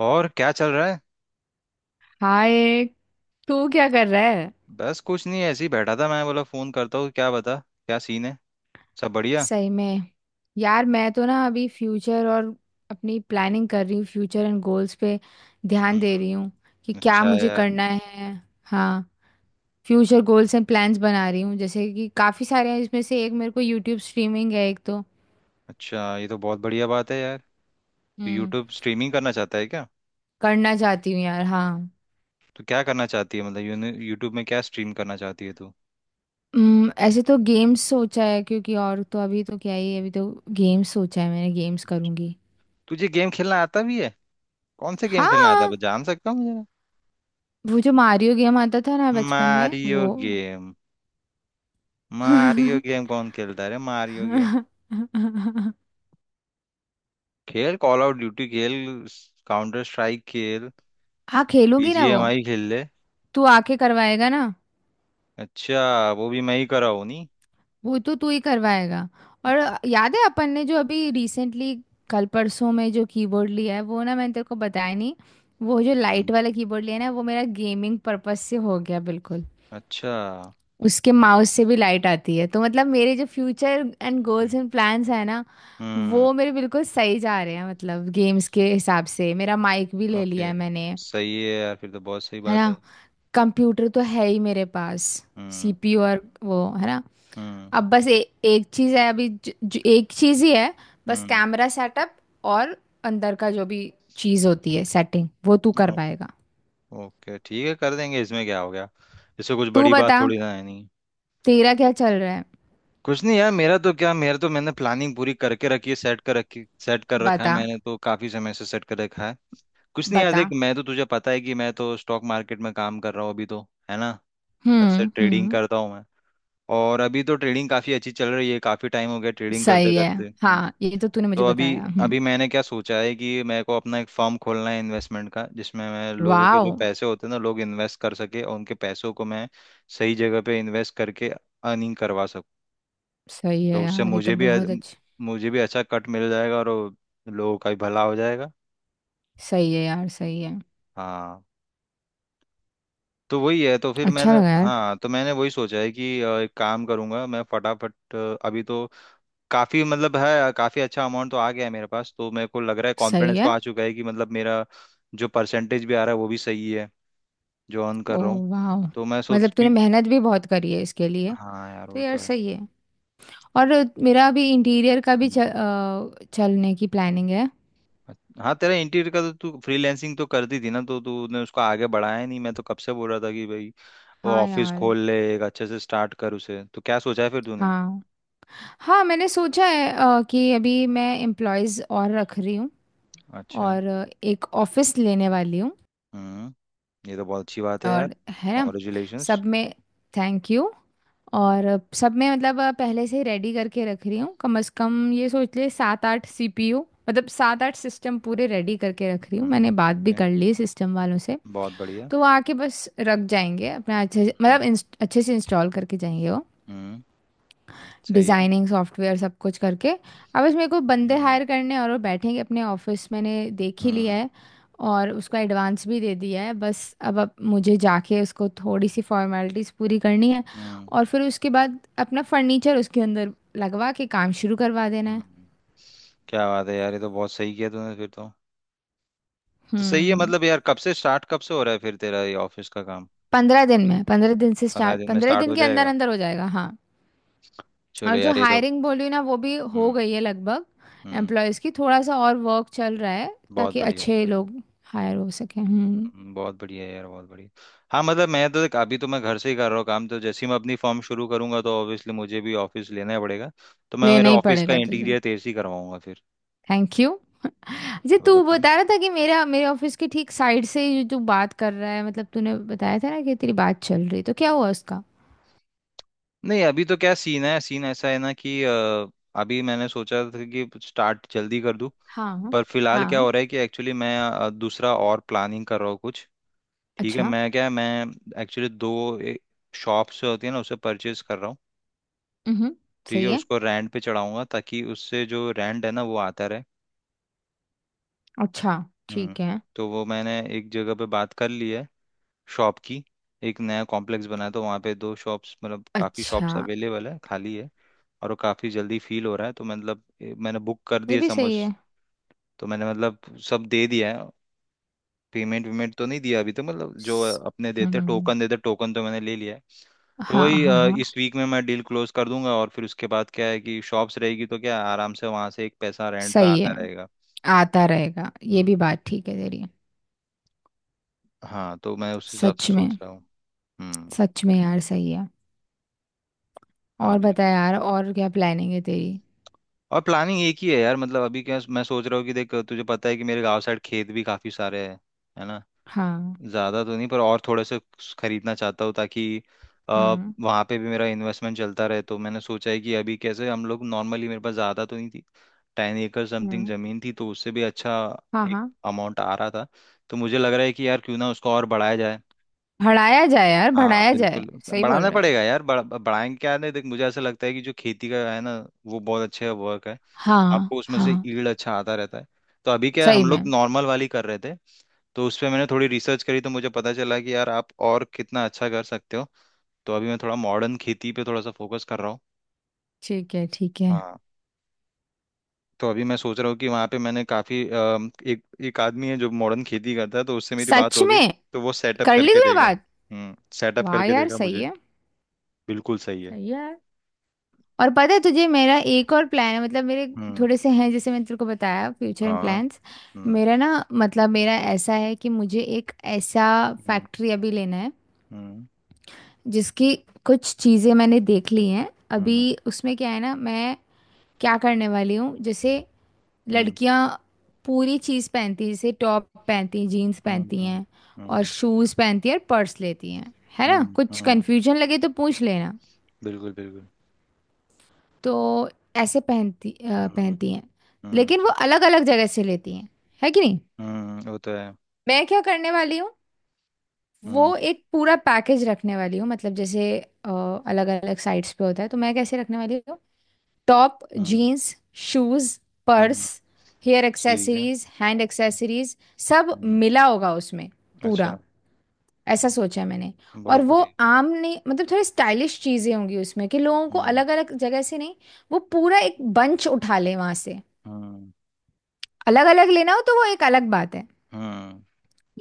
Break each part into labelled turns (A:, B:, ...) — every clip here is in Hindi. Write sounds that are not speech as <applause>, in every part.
A: और क्या चल रहा है।
B: हाय। तू क्या कर रहा है?
A: बस कुछ नहीं, ऐसे ही बैठा था, मैं बोला फोन करता हूँ। क्या बता, क्या सीन है, सब बढ़िया।
B: सही में? यार मैं तो ना अभी फ्यूचर और अपनी प्लानिंग कर रही हूँ, फ्यूचर एंड गोल्स पे ध्यान दे
A: हम्म।
B: रही हूँ कि क्या
A: अच्छा
B: मुझे
A: यार।
B: करना है। हाँ। फ्यूचर गोल्स एंड प्लान्स बना रही हूँ, जैसे कि काफ़ी सारे हैं। इसमें से एक मेरे को यूट्यूब स्ट्रीमिंग है, एक तो।
A: अच्छा, ये तो बहुत बढ़िया बात है यार। तो
B: हम्म।
A: यूट्यूब स्ट्रीमिंग करना चाहता है क्या।
B: करना चाहती हूँ यार, हाँ।
A: तो क्या करना चाहती है, मतलब यूट्यूब में क्या स्ट्रीम करना चाहती है तू।
B: ऐसे तो गेम्स सोचा है, क्योंकि और तो अभी तो क्या ही है, अभी तो गेम्स सोचा है मैंने, गेम्स करूँगी।
A: तुझे गेम खेलना आता भी है। कौन से गेम खेलना आता है
B: हाँ।
A: बस जान सकता हूँ जरा।
B: वो जो मारियो गेम आता था ना बचपन में,
A: मारियो
B: वो।
A: गेम। मारियो
B: <laughs>
A: गेम कौन खेलता है रे, मारियो गेम। खेल कॉल आउट ड्यूटी, खेल काउंटर स्ट्राइक, खेल
B: हाँ, खेलूंगी ना वो।
A: बीजीएमआई खेल ले।
B: तू आके करवाएगा ना?
A: अच्छा, वो भी मैं ही कर रहा हूँ।
B: वो तो तू ही करवाएगा। और याद है अपन ने जो अभी रिसेंटली, कल परसों में जो कीबोर्ड लिया है वो, ना मैंने तेरे को बताया नहीं। वो जो लाइट
A: हम्म।
B: वाला कीबोर्ड लिया है ना, वो मेरा गेमिंग पर्पस से हो गया बिल्कुल।
A: अच्छा।
B: उसके माउस से भी लाइट आती है, तो मतलब मेरे जो future and
A: hmm.
B: Goals and plans है ना,
A: हम्म।
B: वो मेरे बिल्कुल सही जा रहे हैं। मतलब गेम्स के हिसाब से मेरा माइक भी ले लिया
A: ओके।
B: है मैंने,
A: सही है यार, फिर तो बहुत सही
B: है
A: बात
B: ना।
A: है।
B: कंप्यूटर तो है ही मेरे पास,
A: हम्म।
B: सीपीयू और वो, है ना।
A: हम्म।
B: अब बस एक चीज़ है अभी, ज, ज, एक चीज़ ही है, बस
A: हम्म।
B: कैमरा सेटअप और अंदर का जो भी चीज़ होती है सेटिंग, वो तू कर
A: ओ-
B: पाएगा।
A: ओके, ठीक है, कर देंगे, इसमें क्या हो गया। इससे कुछ
B: तू
A: बड़ी बात
B: बता,
A: थोड़ी ना है नहीं।
B: तेरा क्या चल रहा है।
A: कुछ नहीं यार, मेरा तो मैंने प्लानिंग पूरी करके रखी है, सेट कर रखा है,
B: बता,
A: मैंने तो काफी समय से सेट कर रखा है। कुछ नहीं यार,
B: बता।
A: देख, मैं तो तुझे पता है कि मैं तो स्टॉक मार्केट में काम कर रहा हूँ अभी तो, है ना। घर से ट्रेडिंग
B: हम्म।
A: करता हूँ मैं। और अभी तो ट्रेडिंग काफी अच्छी चल रही है, काफी टाइम हो गया ट्रेडिंग करते
B: सही है,
A: करते।
B: हाँ ये तो तूने मुझे
A: तो अभी
B: बताया। हम्म।
A: अभी मैंने क्या सोचा है कि मेरे को अपना एक फर्म खोलना है इन्वेस्टमेंट का, जिसमें मैं लोगों के
B: वाओ।
A: जो पैसे होते हैं ना, लोग इन्वेस्ट कर सके और उनके पैसों को मैं सही जगह पे इन्वेस्ट करके अर्निंग करवा सकूं।
B: सही
A: तो
B: है
A: उससे
B: यार, ये तो
A: मुझे भी
B: बहुत अच्छा।
A: मुझे भी अच्छा कट मिल जाएगा, और वो लोगों का भी भला हो जाएगा।
B: सही है यार सही है।
A: हाँ। तो वही है तो फिर
B: अच्छा
A: मैंने
B: लगा यार।
A: हाँ, तो मैंने वही सोचा है कि एक काम करूंगा मैं फटाफट। अभी तो काफी, मतलब है, काफी अच्छा अमाउंट तो आ गया है मेरे पास, तो मेरे को लग रहा है
B: सही
A: कॉन्फिडेंस तो
B: है।
A: आ चुका है कि मतलब मेरा जो परसेंटेज भी आ रहा है वो भी सही है, जो अर्न
B: ओ।
A: कर रहा हूँ।
B: वाओ।
A: तो मैं सोच
B: मतलब तूने
A: कि,
B: मेहनत भी बहुत करी है इसके लिए।
A: हाँ यार
B: तो
A: वो
B: यार
A: तो है।
B: सही है। और मेरा अभी इंटीरियर का भी
A: हम्म।
B: चलने की प्लानिंग है।
A: हाँ, तेरा इंटीरियर का तो तू फ्रीलैंसिंग तो करती थी ना, तो तूने उसको आगे बढ़ाया नहीं, मैं तो कब से बोल रहा था कि भाई वो
B: हाँ
A: ऑफिस
B: यार।
A: खोल ले, एक अच्छे से स्टार्ट कर उसे। तो क्या सोचा है फिर तूने।
B: हाँ हाँ, मैंने सोचा है कि अभी मैं एम्प्लॉयज़ और रख रही हूँ।
A: अच्छा।
B: और एक ऑफिस लेने वाली हूँ।
A: हम्म। ये तो बहुत अच्छी बात है यार।
B: और है ना,
A: कॉन्ग्रेचुलेशंस।
B: सब में। Thank you. और सब में मतलब पहले से ही रेडी करके रख रही हूँ। कम से कम ये सोच ले, सात आठ सीपीयू, मतलब सात आठ सिस्टम पूरे रेडी करके रख रही हूँ।
A: हम्म।
B: मैंने बात भी
A: ओके।
B: कर ली सिस्टम वालों से।
A: बहुत बढ़िया।
B: तो वो आके बस रख जाएंगे अपना अच्छे से,
A: हम्म।
B: मतलब अच्छे से इंस्टॉल करके जाएंगे वो।
A: हम्म। सही है।
B: डिजाइनिंग सॉफ्टवेयर सब कुछ करके अब इसमें मेरे को बंदे
A: हम्म।
B: हायर करने हैं, और वो बैठेंगे अपने ऑफिस, मैंने देख ही लिया
A: हम्म।
B: है। और उसका एडवांस भी दे दिया है। बस अब मुझे जाके उसको थोड़ी सी फॉर्मेलिटीज पूरी करनी है।
A: हम्म।
B: और फिर उसके बाद अपना फर्नीचर उसके अंदर लगवा के काम शुरू करवा देना है।
A: हम्म। क्या बात है यार, ये तो बहुत सही किया तूने फिर तो। तो सही है,
B: हम्म।
A: मतलब यार, कब से स्टार्ट, कब से हो रहा है फिर तेरा ये ऑफिस का काम।
B: 15 दिन में, पंद्रह दिन से
A: पंद्रह
B: स्टार्ट,
A: दिन में
B: पंद्रह
A: स्टार्ट
B: दिन
A: हो
B: के अंदर
A: जाएगा।
B: अंदर हो जाएगा, हाँ।
A: चलो
B: और जो
A: यार, ये तो।
B: हायरिंग बोली ना वो भी हो
A: हम्म।
B: गई है लगभग।
A: हम्म।
B: एम्प्लॉयज की थोड़ा सा और वर्क चल रहा है,
A: बहुत
B: ताकि
A: बढ़िया।
B: अच्छे लोग हायर हो सके। हम्म।
A: बहुत बढ़िया यार, बहुत बढ़िया। हाँ, मतलब मैं तो देख, अभी तो मैं घर से ही कर रहा हूँ काम, तो जैसे ही मैं अपनी फर्म शुरू करूंगा तो ऑब्वियसली मुझे भी ऑफिस लेना ही पड़ेगा। तो मैं, मेरे
B: लेना ही
A: ऑफिस का
B: पड़ेगा तुझे।
A: इंटीरियर तेज ही करवाऊंगा फिर।
B: थैंक यू जी।
A: ये
B: तू
A: वाला काम।
B: बता रहा था कि मेरा, मेरे ऑफिस के ठीक साइड से ही जो तू बात कर रहा है, मतलब तूने बताया था ना कि तेरी बात चल रही, तो क्या हुआ उसका?
A: नहीं, अभी तो क्या सीन है, सीन ऐसा है ना कि अभी मैंने सोचा था कि स्टार्ट जल्दी कर दूं।
B: हाँ
A: पर फिलहाल क्या
B: हाँ।
A: हो रहा है कि एक्चुअली मैं दूसरा और प्लानिंग कर रहा हूँ कुछ। ठीक है,
B: अच्छा।
A: मैं क्या है, मैं एक्चुअली दो शॉप्स जो होती है ना, उसे परचेज कर रहा हूँ।
B: हम्म।
A: ठीक
B: सही
A: है,
B: है।
A: उसको रेंट पे चढ़ाऊंगा ताकि उससे जो रेंट है ना वो आता रहे।
B: अच्छा
A: हम्म।
B: ठीक है।
A: तो वो मैंने एक जगह पे बात कर ली है शॉप की। एक नया कॉम्प्लेक्स बना है, तो वहाँ पे दो शॉप्स, मतलब काफ़ी
B: अच्छा,
A: शॉप्स अवेलेबल है, खाली है। और वो काफ़ी जल्दी फील हो रहा है, तो मतलब मैंने बुक कर
B: ये
A: दिए,
B: भी
A: समझ।
B: सही है।
A: तो मैंने मतलब सब दे दिया है। पेमेंट वेमेंट तो नहीं दिया अभी, तो मतलब जो
B: स-
A: अपने
B: हम्म हम्म, हम्म।
A: देते टोकन तो मैंने ले लिया है। तो
B: हाँ
A: वही,
B: हाँ हाँ।
A: इस वीक में मैं डील क्लोज कर दूंगा, और फिर उसके बाद क्या है कि शॉप्स रहेगी, तो क्या है, आराम से वहां से एक पैसा रेंट पे
B: सही है।
A: आता रहेगा।
B: आता रहेगा, ये
A: हम्म।
B: भी बात ठीक है तेरी।
A: हाँ, तो मैं उस हिसाब से
B: सच में।
A: सोच रहा हूँ। हम्म।
B: सच में यार सही है।
A: हाँ
B: और बता
A: बिल्कुल।
B: यार, और क्या प्लानिंग है तेरी?
A: और प्लानिंग एक ही है यार, मतलब अभी क्या मैं सोच रहा हूँ कि देख, तुझे पता है कि मेरे गांव साइड खेत भी काफी सारे हैं, है ना।
B: हाँ।
A: ज़्यादा तो नहीं, पर और थोड़े से खरीदना चाहता हूँ ताकि आ,
B: हम्म
A: वहाँ पे भी मेरा इन्वेस्टमेंट चलता रहे। तो मैंने सोचा है कि अभी कैसे, हम लोग नॉर्मली, मेरे पास ज़्यादा तो नहीं थी, 10 एकड़ समथिंग
B: हम्म।
A: ज़मीन थी, तो उससे भी अच्छा
B: हाँ
A: एक
B: हाँ।
A: अमाउंट आ रहा था, तो मुझे लग रहा है कि यार क्यों ना उसको और बढ़ाया जाए।
B: बढ़ाया जाए यार
A: हाँ
B: बढ़ाया जाए,
A: बिल्कुल।
B: सही बोल
A: बढ़ाना
B: रहा है।
A: पड़ेगा यार। बढ़ाएंगे क्या, नहीं देख, मुझे ऐसा लगता है कि जो खेती का है ना, वो बहुत अच्छा वर्क है,
B: हाँ
A: आपको उसमें
B: हाँ।
A: से ईल्ड अच्छा आता रहता है। तो अभी क्या है,
B: सही
A: हम लोग
B: में।
A: नॉर्मल वाली कर रहे थे, तो उस पे मैंने थोड़ी रिसर्च करी, तो मुझे पता चला कि यार आप और कितना अच्छा कर सकते हो। तो अभी मैं थोड़ा मॉडर्न खेती पे थोड़ा सा फोकस कर रहा हूँ।
B: ठीक है ठीक है।
A: हाँ। तो अभी मैं सोच रहा हूँ कि वहाँ पे मैंने काफ़ी, एक एक आदमी है जो मॉडर्न खेती करता है, तो उससे मेरी बात
B: सच
A: हो गई।
B: में।
A: तो वो सेटअप
B: कर ली
A: करके
B: तूने
A: देगा।
B: बात।
A: सेटअप
B: वाह
A: करके
B: यार
A: देगा
B: सही
A: मुझे।
B: है।
A: बिल्कुल सही है।
B: सही है। और पता है तुझे, मेरा एक और प्लान है। मतलब मेरे
A: हम्म।
B: थोड़े से हैं, जैसे मैंने तेरे को बताया, फ्यूचर
A: हाँ।
B: प्लान्स।
A: हम्म।
B: मेरा ना, मतलब मेरा ऐसा है कि मुझे एक ऐसा
A: हम्म।
B: फैक्ट्री अभी लेना है,
A: हम्म।
B: जिसकी कुछ चीज़ें मैंने देख ली हैं अभी।
A: हम्म।
B: उसमें क्या है ना, मैं क्या करने वाली हूँ, जैसे
A: हम्म।
B: लड़कियाँ पूरी चीज़ पहनती हैं, जैसे टॉप पहनती हैं, जीन्स
A: हम्म।
B: पहनती
A: हम्म।
B: हैं और
A: हम्म।
B: शूज़ पहनती हैं और पर्स लेती हैं, है ना?
A: हम्म।
B: कुछ
A: हम्म।
B: कन्फ्यूजन लगे तो पूछ लेना।
A: बिल्कुल बिल्कुल।
B: तो ऐसे
A: हम्म।
B: पहनती हैं।
A: हम्म।
B: लेकिन वो अलग अलग जगह से लेती हैं, है कि नहीं।
A: वो तो है।
B: मैं क्या करने वाली हूँ,
A: हम्म।
B: वो एक पूरा पैकेज रखने वाली हूँ। मतलब जैसे अलग अलग साइट्स पे होता है, तो मैं कैसे रखने वाली हूँ: टॉप,
A: हम्म।
B: जीन्स, शूज,
A: हम्म।
B: पर्स, हेयर
A: ठीक है।
B: एक्सेसरीज, हैंड एक्सेसरीज, सब
A: हम्म।
B: मिला होगा उसमें पूरा।
A: अच्छा।
B: ऐसा सोचा है मैंने। और
A: बहुत
B: वो
A: बढ़िया।
B: आम नहीं, मतलब थोड़ी स्टाइलिश चीज़ें होंगी उसमें, कि लोगों को
A: हम्म।
B: अलग अलग जगह से नहीं, वो पूरा एक बंच उठा ले वहां से।
A: हम्म।
B: अलग अलग लेना हो तो वो एक अलग बात है,
A: हम्म।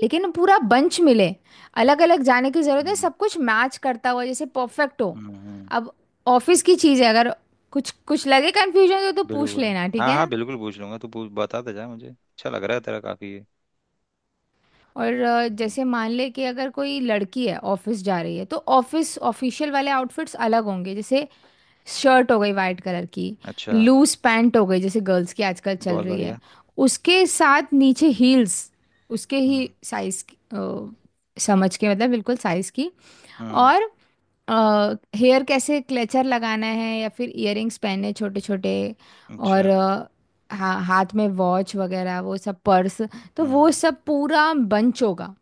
B: लेकिन पूरा बंच मिले, अलग अलग जाने की जरूरत है,
A: हम्म।
B: सब कुछ मैच करता हुआ जैसे परफेक्ट हो।
A: हम्म। हम्म।
B: अब ऑफिस की चीज़ है, अगर कुछ कुछ लगे कंफ्यूजन तो पूछ
A: बिल्कुल।
B: लेना, ठीक
A: हाँ
B: है
A: हाँ
B: ना?
A: बिल्कुल, पूछ लूंगा, तू पूछ बताता जा, मुझे अच्छा लग रहा है तेरा, काफी ये।
B: और
A: हम्म।
B: जैसे मान ले कि अगर कोई लड़की है ऑफिस जा रही है, तो ऑफिस ऑफिशियल वाले आउटफिट्स अलग होंगे, जैसे शर्ट हो गई वाइट कलर की,
A: अच्छा।
B: लूज पैंट हो गई जैसे गर्ल्स की आजकल चल
A: बहुत
B: रही है,
A: बढ़िया।
B: उसके साथ नीचे हील्स, उसके
A: हम्म।
B: ही साइज, समझ के मतलब बिल्कुल साइज की।
A: हम्म।
B: और हेयर कैसे क्लेचर लगाना है या फिर इयररिंग्स पहने छोटे छोटे। और
A: अच्छा।
B: हाथ में वॉच वगैरह वो सब, पर्स। तो वो
A: हम्म।
B: सब पूरा बंच होगा,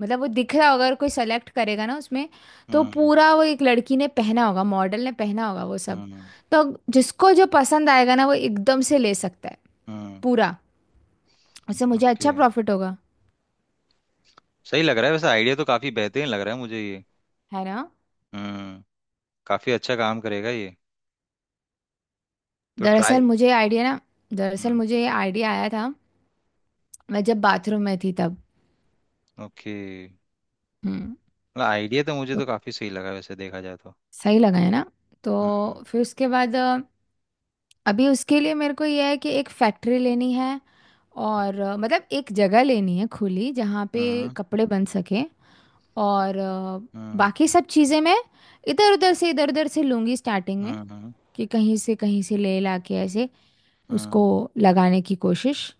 B: मतलब वो दिख रहा होगा अगर कोई सेलेक्ट करेगा ना उसमें। तो
A: हम्म।
B: पूरा वो एक लड़की ने पहना होगा, मॉडल ने पहना होगा वो सब।
A: हम्म।
B: तो जिसको जो पसंद आएगा ना, वो एकदम से ले सकता है
A: हम्म।
B: पूरा। उससे मुझे
A: ओके।
B: अच्छा प्रॉफिट होगा।
A: सही लग रहा है वैसे, आइडिया तो काफी बेहतरीन लग रहा है मुझे ये।
B: है ना?
A: हम्म। काफी अच्छा काम करेगा ये। तो ट्राई।
B: दरअसल मुझे आइडिया ना, दरअसल
A: हम्म।
B: मुझे ये आइडिया आया था, मैं जब बाथरूम में थी तब।
A: ओके।
B: हम्म।
A: मतलब आइडिया तो मुझे
B: तो
A: तो काफी सही लगा, वैसे देखा जाए तो।
B: सही लगा है ना?
A: हम्म।
B: तो फिर उसके बाद अभी उसके लिए मेरे को यह है कि एक फैक्ट्री लेनी है। और मतलब एक जगह लेनी है खुली, जहाँ पे
A: हम्म।
B: कपड़े बन सके। और
A: हम्म।
B: बाकी सब चीज़ें मैं इधर उधर से, इधर उधर से लूँगी स्टार्टिंग में,
A: हम्म।
B: कि कहीं से ले ला के, ऐसे उसको
A: हम्म।
B: लगाने की कोशिश।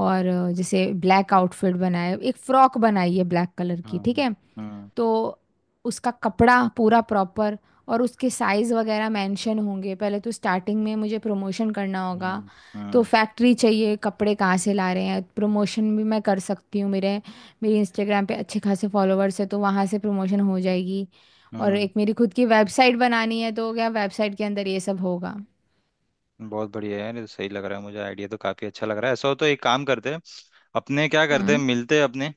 B: और जैसे ब्लैक आउटफिट बनाए, एक फ्रॉक बनाई है ब्लैक कलर की, ठीक
A: हम्म।
B: है।
A: हम्म।
B: तो उसका कपड़ा पूरा प्रॉपर, और उसके साइज़ वगैरह मेंशन होंगे। पहले तो स्टार्टिंग में मुझे प्रमोशन करना
A: हम्म।
B: होगा, तो
A: हम्म।
B: फैक्ट्री चाहिए, कपड़े कहाँ से ला रहे हैं, प्रमोशन भी मैं कर सकती हूँ। मेरे, मेरी इंस्टाग्राम पे अच्छे खासे फॉलोअर्स है, तो वहाँ से प्रमोशन हो जाएगी। और
A: हम्म।
B: एक मेरी खुद की वेबसाइट बनानी है, तो क्या वेबसाइट के अंदर ये सब होगा।
A: बहुत बढ़िया है यार, ये तो सही लग रहा है मुझे, आइडिया तो काफी अच्छा लग रहा है। ऐसा हो तो एक काम करते हैं अपने, क्या करते हैं,
B: हम्म।
A: मिलते हैं अपने।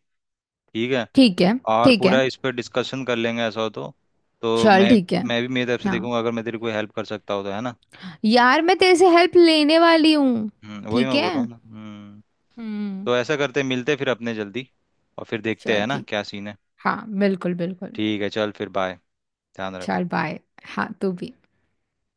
A: ठीक है।
B: ठीक है
A: और
B: ठीक है।
A: पूरा इस पर डिस्कशन कर लेंगे, ऐसा हो तो। तो
B: चल
A: मैं
B: ठीक है।
A: मैं भी मेरी तरफ से
B: हाँ
A: देखूंगा, अगर मैं तेरी कोई हेल्प कर सकता हो तो, है ना।
B: यार, मैं तेरे से हेल्प लेने वाली हूँ।
A: वही
B: ठीक
A: मैं बोल
B: है।
A: रहा हूँ ना। हम्म।
B: हम्म।
A: तो ऐसा करते हैं, मिलते हैं फिर अपने जल्दी, और फिर देखते हैं, है
B: चल
A: ना
B: ठीक।
A: क्या सीन है।
B: हाँ बिल्कुल बिल्कुल।
A: ठीक है, चल फिर बाय। ध्यान रख।
B: चल बाय। हाँ तू भी।